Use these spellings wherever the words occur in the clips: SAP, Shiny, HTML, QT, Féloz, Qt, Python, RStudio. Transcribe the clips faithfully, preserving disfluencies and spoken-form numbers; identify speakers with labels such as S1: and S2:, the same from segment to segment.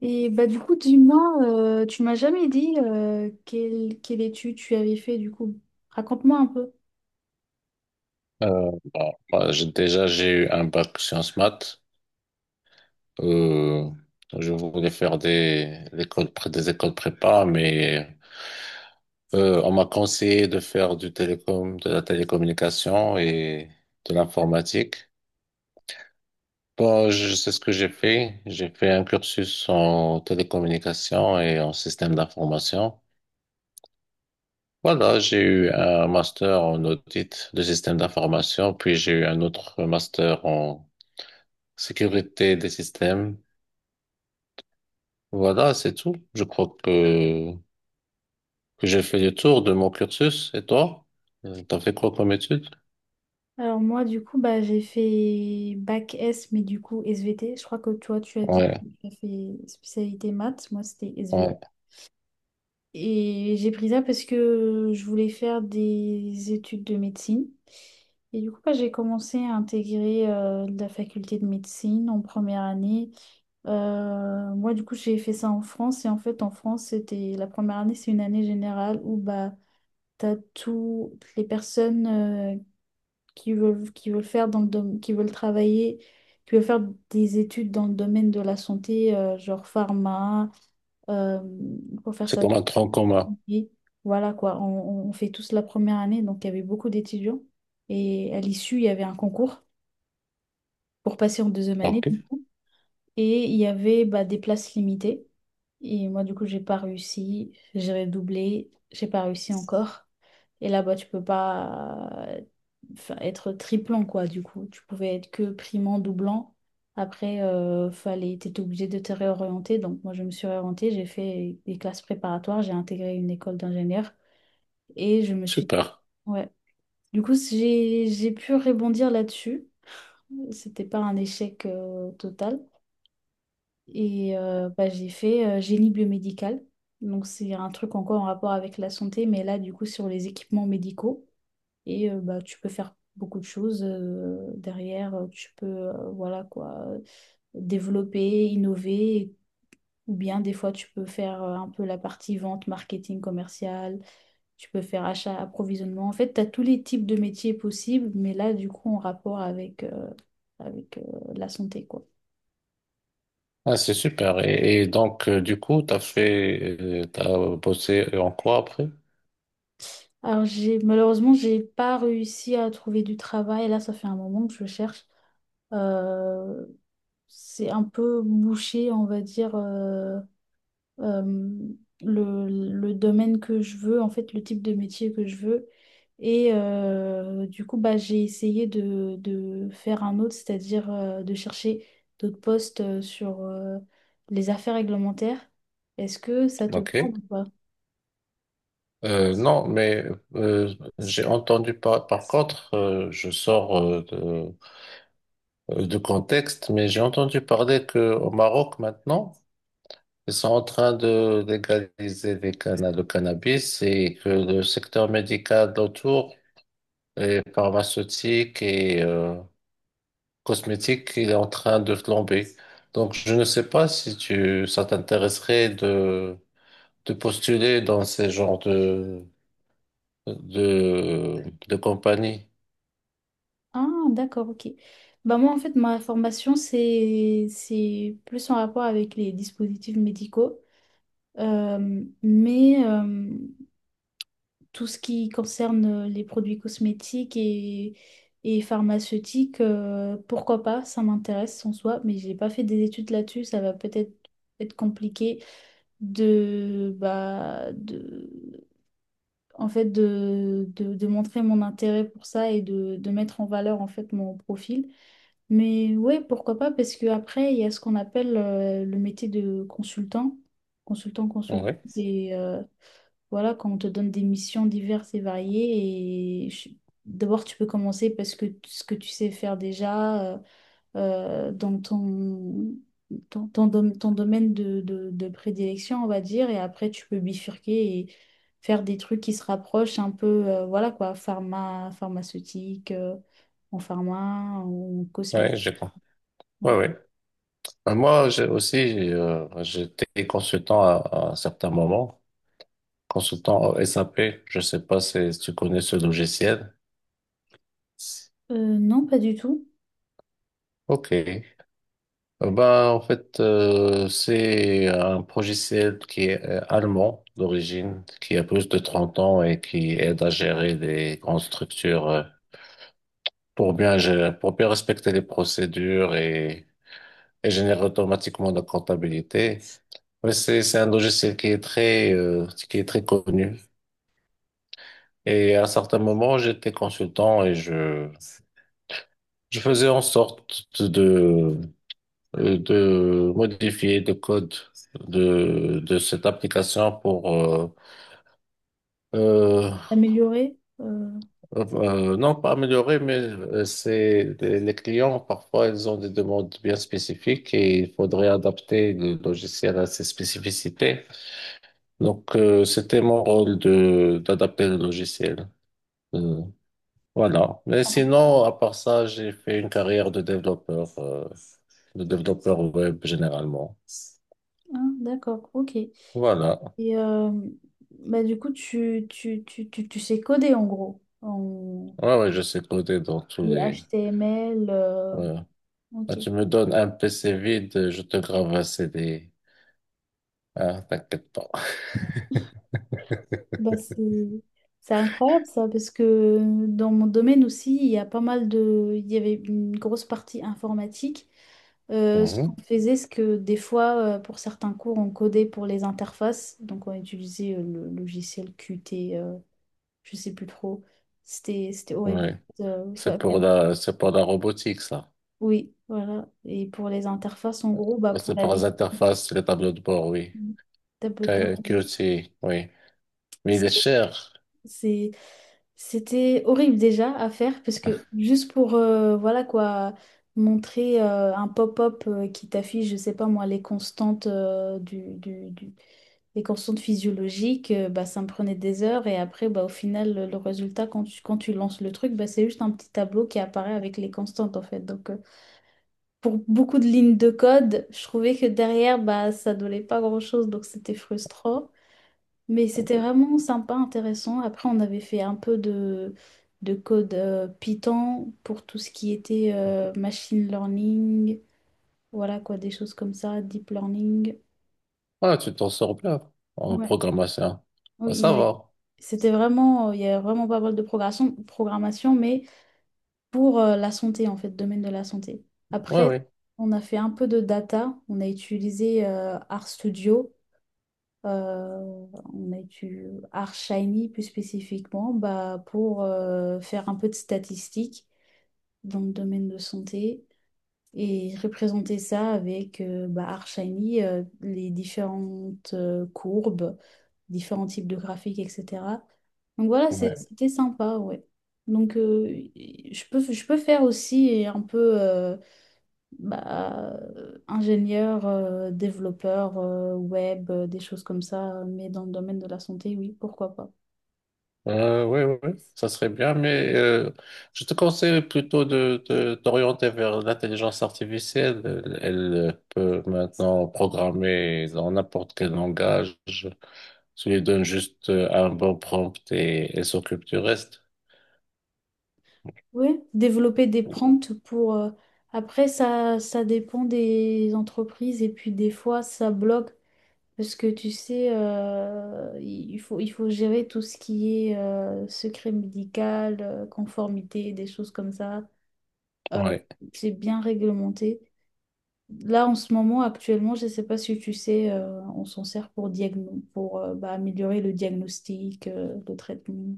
S1: Et bah du coup, dis-moi, euh, tu m'as jamais dit euh, quelle, quelle étude tu avais fait du coup. Raconte-moi un peu.
S2: Euh, bon, moi, j'ai- déjà, j'ai eu un bac sciences maths. Euh, je voulais faire des, l'école, pré- des écoles prépa, mais euh, on m'a conseillé de faire du télécom, de la télécommunication et de l'informatique. Bon, je c'est ce que j'ai fait. J'ai fait un cursus en télécommunication et en système d'information. Voilà, j'ai eu un master en audit de système d'information, puis j'ai eu un autre master en sécurité des systèmes. Voilà, c'est tout. Je crois que, que j'ai fait le tour de mon cursus. Et toi? Euh, T'as fait quoi comme étude?
S1: Alors moi, du coup, bah j'ai fait bac S, mais du coup S V T. Je crois que toi, tu as dit
S2: Ouais,
S1: que tu as fait spécialité maths. Moi, c'était.
S2: ouais.
S1: Et j'ai pris ça parce que je voulais faire des études de médecine. Et du coup, bah, j'ai commencé à intégrer euh, la faculté de médecine en première année. Euh, moi, du coup, j'ai fait ça en France. Et en fait, en France, c'était la première année, c'est une année générale où bah, tu as toutes les personnes euh, qui veulent, qui veulent faire dans le dom- qui veulent travailler, qui veulent faire des études dans le domaine de la santé, euh, genre pharma, euh, pour faire
S2: C'est
S1: ça
S2: comme un tronc commun.
S1: et voilà quoi, on, on- fait tous la première année, donc il y avait beaucoup d'étudiants. Et à l'issue, il y avait un concours pour passer en deuxième année.
S2: Ok,
S1: Du coup. Et il y avait bah, des places limitées. Et moi, du coup, j'ai pas réussi. J'ai redoublé. J'ai pas réussi encore. Et là-bas, tu peux pas euh, enfin, être triplant, quoi, du coup. Tu pouvais être que primant, doublant. Après, euh, fallait, t'étais obligé de te réorienter. Donc, moi, je me suis réorientée. J'ai fait des classes préparatoires. J'ai intégré une école d'ingénieur. Et je me suis dit,
S2: super.
S1: ouais. Du coup, j'ai j'ai pu rebondir là-dessus. C'était pas un échec euh, total. Et euh, bah, j'ai fait euh, génie biomédical. Donc, c'est un truc encore en rapport avec la santé, mais là, du coup, sur les équipements médicaux. Et euh, bah, tu peux faire beaucoup de choses euh, derrière. euh, Tu peux, euh, voilà quoi, euh, développer, innover. Ou bien, des fois, tu peux faire euh, un peu la partie vente, marketing commercial. Tu peux faire achat, approvisionnement. En fait, tu as tous les types de métiers possibles, mais là, du coup, en rapport avec, euh, avec euh, la santé, quoi.
S2: Ah, c'est super. Et, et donc, euh, du coup, t'as fait, euh, t'as bossé en quoi après?
S1: Alors, j'ai, malheureusement, j'ai pas réussi à trouver du travail. Là, ça fait un moment que je cherche. Euh, c'est un peu bouché, on va dire. euh, euh, le, le domaine que je veux, en fait, le type de métier que je veux. Et euh, du coup, bah, j'ai essayé de, de faire un autre, c'est-à-dire euh, de chercher d'autres postes euh, sur euh, les affaires réglementaires. Est-ce que ça te parle
S2: Ok.
S1: ou pas?
S2: Euh, non, mais euh, j'ai entendu par, par contre, euh, je sors euh, de, euh, de contexte, mais j'ai entendu parler que au Maroc maintenant, Ils sont en train de légaliser les canna- le cannabis et que le secteur médical autour, et pharmaceutique et euh, cosmétique, il est en train de flamber. Donc, je ne sais pas si tu, ça t'intéresserait de, de postuler dans ces genres de, de, de compagnie.
S1: Ah, d'accord, ok. Bah moi, en fait, ma formation, c'est, c'est plus en rapport avec les dispositifs médicaux. Euh, mais euh, tout ce qui concerne euh, les produits cosmétiques et, et pharmaceutiques, euh, pourquoi pas, ça m'intéresse en soi, mais j'ai pas fait des études là-dessus, ça va peut-être être compliqué de, bah, de, en fait, de, de, de montrer mon intérêt pour ça et de, de mettre en valeur en fait mon profil. Mais ouais, pourquoi pas, parce que après, il y a ce qu'on appelle euh, le métier de consultant, consultant, consultant,
S2: Oui,
S1: et... euh, voilà, quand on te donne des missions diverses et variées, et je- d'abord tu peux commencer parce que t- ce que tu sais faire déjà euh, euh, dans ton, ton, ton dom- ton domaine de, de- de prédilection, on va dire, et après tu peux bifurquer et faire des trucs qui se rapprochent un peu, euh, voilà quoi, pharma, pharmaceutique, euh, en pharma, en cosmétique.
S2: oui, j'ai compris. Oui,
S1: Ouais.
S2: oui. Moi, j'ai aussi, euh, j'étais consultant à, à un certain moment. Consultant S A P, je sais pas si si tu connais ce logiciel.
S1: Euh, non, pas du tout.
S2: Ok. Euh, Ben, en fait, euh, c'est un logiciel qui est euh, allemand d'origine, qui a plus de trente ans et qui aide à gérer des grandes structures euh, pour bien gérer, pour bien respecter les procédures et, et générer automatiquement la comptabilité. Mais c'est, c'est un logiciel qui est très, euh, qui est très connu. Et à certains moments, j'étais consultant et je, je faisais en sorte de, de modifier le code de, de cette application pour, euh, euh,
S1: Améliorer. Euh,
S2: euh, non pas améliorer, mais euh, c'est, les les clients, parfois, ils ont des demandes bien spécifiques et il faudrait adapter le logiciel à ces spécificités. Donc, euh, c'était mon rôle de, d'adapter le logiciel. euh, Voilà. Mais sinon, à part ça, j'ai fait une carrière de développeur, euh, de développeur web généralement.
S1: ah, d'accord, ok.
S2: Voilà.
S1: Et euh, bah, du coup, tu, tu, tu, tu, tu sais coder en gros. En
S2: Ouais, ouais, je sais coder dans tous
S1: les
S2: les.
S1: H T M L. euh,
S2: Ouais.
S1: ok.
S2: Ah, tu me donnes un P C vide, je te grave un C D. Ah, t'inquiète pas.
S1: Bah, c'est c'est incroyable ça, parce que dans mon domaine aussi, il y a pas mal de. Il y avait une grosse partie informatique. Euh, ce qu'on
S2: Mhm.
S1: faisait, c'est que des fois, euh, pour certains cours, on codait pour les interfaces. Donc, on utilisait euh, le logiciel Qt, euh, je sais plus trop. C'était c'était horrible.
S2: Ouais.
S1: euh,
S2: C'est
S1: enfin,
S2: pour la, c'est pour la robotique, ça.
S1: oui, voilà. Et pour les interfaces, en gros, bah, pour
S2: C'est
S1: la
S2: pour les
S1: lecture,
S2: interfaces, les tableaux de bord, oui.
S1: tableau de
S2: Q-
S1: bord,
S2: QT, oui. Mais
S1: c'est-
S2: il est cher.
S1: c'est- c'était horrible déjà à faire parce que juste pour, euh, voilà quoi, montrer euh, un pop-up euh, qui t'affiche, je sais pas moi, les constantes euh, du, du, du- les constantes physiologiques, euh, bah, ça me prenait des heures et après, bah, au final, le, le résultat, quand tu, quand tu lances le truc, bah, c'est juste un petit tableau qui apparaît avec les constantes en fait. Donc, euh, pour beaucoup de lignes de code, je trouvais que derrière, bah, ça donnait pas grand-chose, donc c'était frustrant. Mais c'était vraiment sympa, intéressant. Après, on avait fait un peu de, de code euh, Python pour tout ce qui était euh, machine learning, voilà quoi, des choses comme ça, deep learning.
S2: Ah, tu t'en sors bien en
S1: Ouais,
S2: programmation. Ah,
S1: oui, il y
S2: ça
S1: avait-
S2: va.
S1: c'était vraiment, il y avait vraiment pas mal de progression- programmation, mais pour euh, la santé, en fait, domaine de la santé. Après,
S2: Ouais,
S1: on a fait un peu de data, on a utilisé euh, RStudio. Euh, on a du Shiny plus spécifiquement bah, pour euh, faire un peu de statistiques dans le domaine de santé et représenter ça avec euh, bah, Artshiny, euh, les différentes euh, courbes, différents types de graphiques, et cetera. Donc voilà,
S2: oui.
S1: c'est- c'était sympa, ouais. Donc euh, je peux, je peux faire aussi un peu euh, bah, euh, ingénieur, euh, développeur, euh, web, euh, des choses comme ça, euh, mais dans le domaine de la santé, oui, pourquoi pas.
S2: Euh, oui, oui, oui, ça serait bien, mais euh, je te conseille plutôt de, de t'orienter vers l'intelligence artificielle. Elle, elle peut maintenant programmer dans n'importe quel langage. Tu lui donnes juste euh, un bon prompt et elle s'occupe du reste.
S1: Oui, développer des prompts pour... euh, Après, ça, ça dépend des entreprises et puis des fois, ça bloque parce que tu sais, euh, il faut, il faut gérer tout ce qui est euh, secret médical, euh, conformité, des choses comme ça. Euh,
S2: Oui,
S1: c'est bien réglementé. Là, en ce moment, actuellement, je ne sais pas si tu sais, euh, on s'en sert pour, diagno- pour euh, bah, améliorer le diagnostic, euh, le traitement.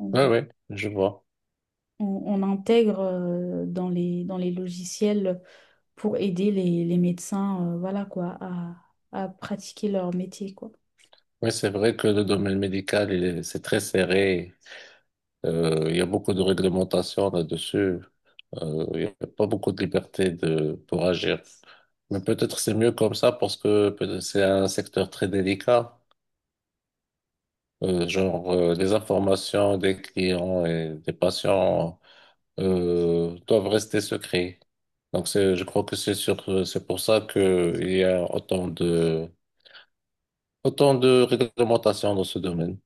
S1: On,
S2: oui, oui, je vois.
S1: on- on intègre euh, dans les, dans les logiciels pour aider les, les médecins, euh, voilà quoi, à, à pratiquer leur métier, quoi.
S2: Oui, c'est vrai que le domaine médical, il est- c'est très serré. Euh, il y a beaucoup de réglementations là-dessus. Euh, il n'y a pas beaucoup de liberté de, pour agir. Mais peut-être c'est mieux comme ça parce que peut- c'est un secteur très délicat. Euh, genre, euh, les informations des clients et des patients euh, doivent rester secrets. Donc, c'est, je crois que c'est sur, c'est pour ça que il y a autant de, autant de réglementations dans ce domaine.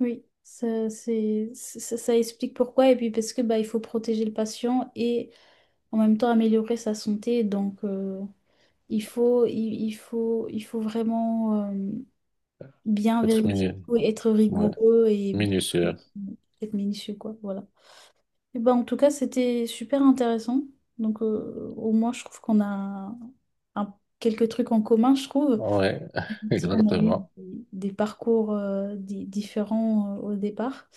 S1: Oui, ça, c'est, ça, ça explique pourquoi. Et puis parce que bah, il faut protéger le patient et en même temps améliorer sa santé. Donc, euh, il faut, il, il faut, il faut vraiment... bien
S2: Être
S1: vérifier,
S2: minutieux.
S1: et être
S2: Ouais,
S1: rigoureux et bien
S2: minutieux.
S1: être minutieux, quoi. Voilà. Et ben, en tout cas, c'était super intéressant. Donc, euh, au moins, je trouve qu'on a un- quelques trucs en commun, je trouve.
S2: Ouais,
S1: Si on a eu
S2: exactement.
S1: des, des parcours euh, di- différents euh, au départ.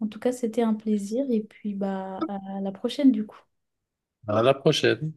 S1: En tout cas, c'était un plaisir et puis bah, à la prochaine, du coup.
S2: À la prochaine.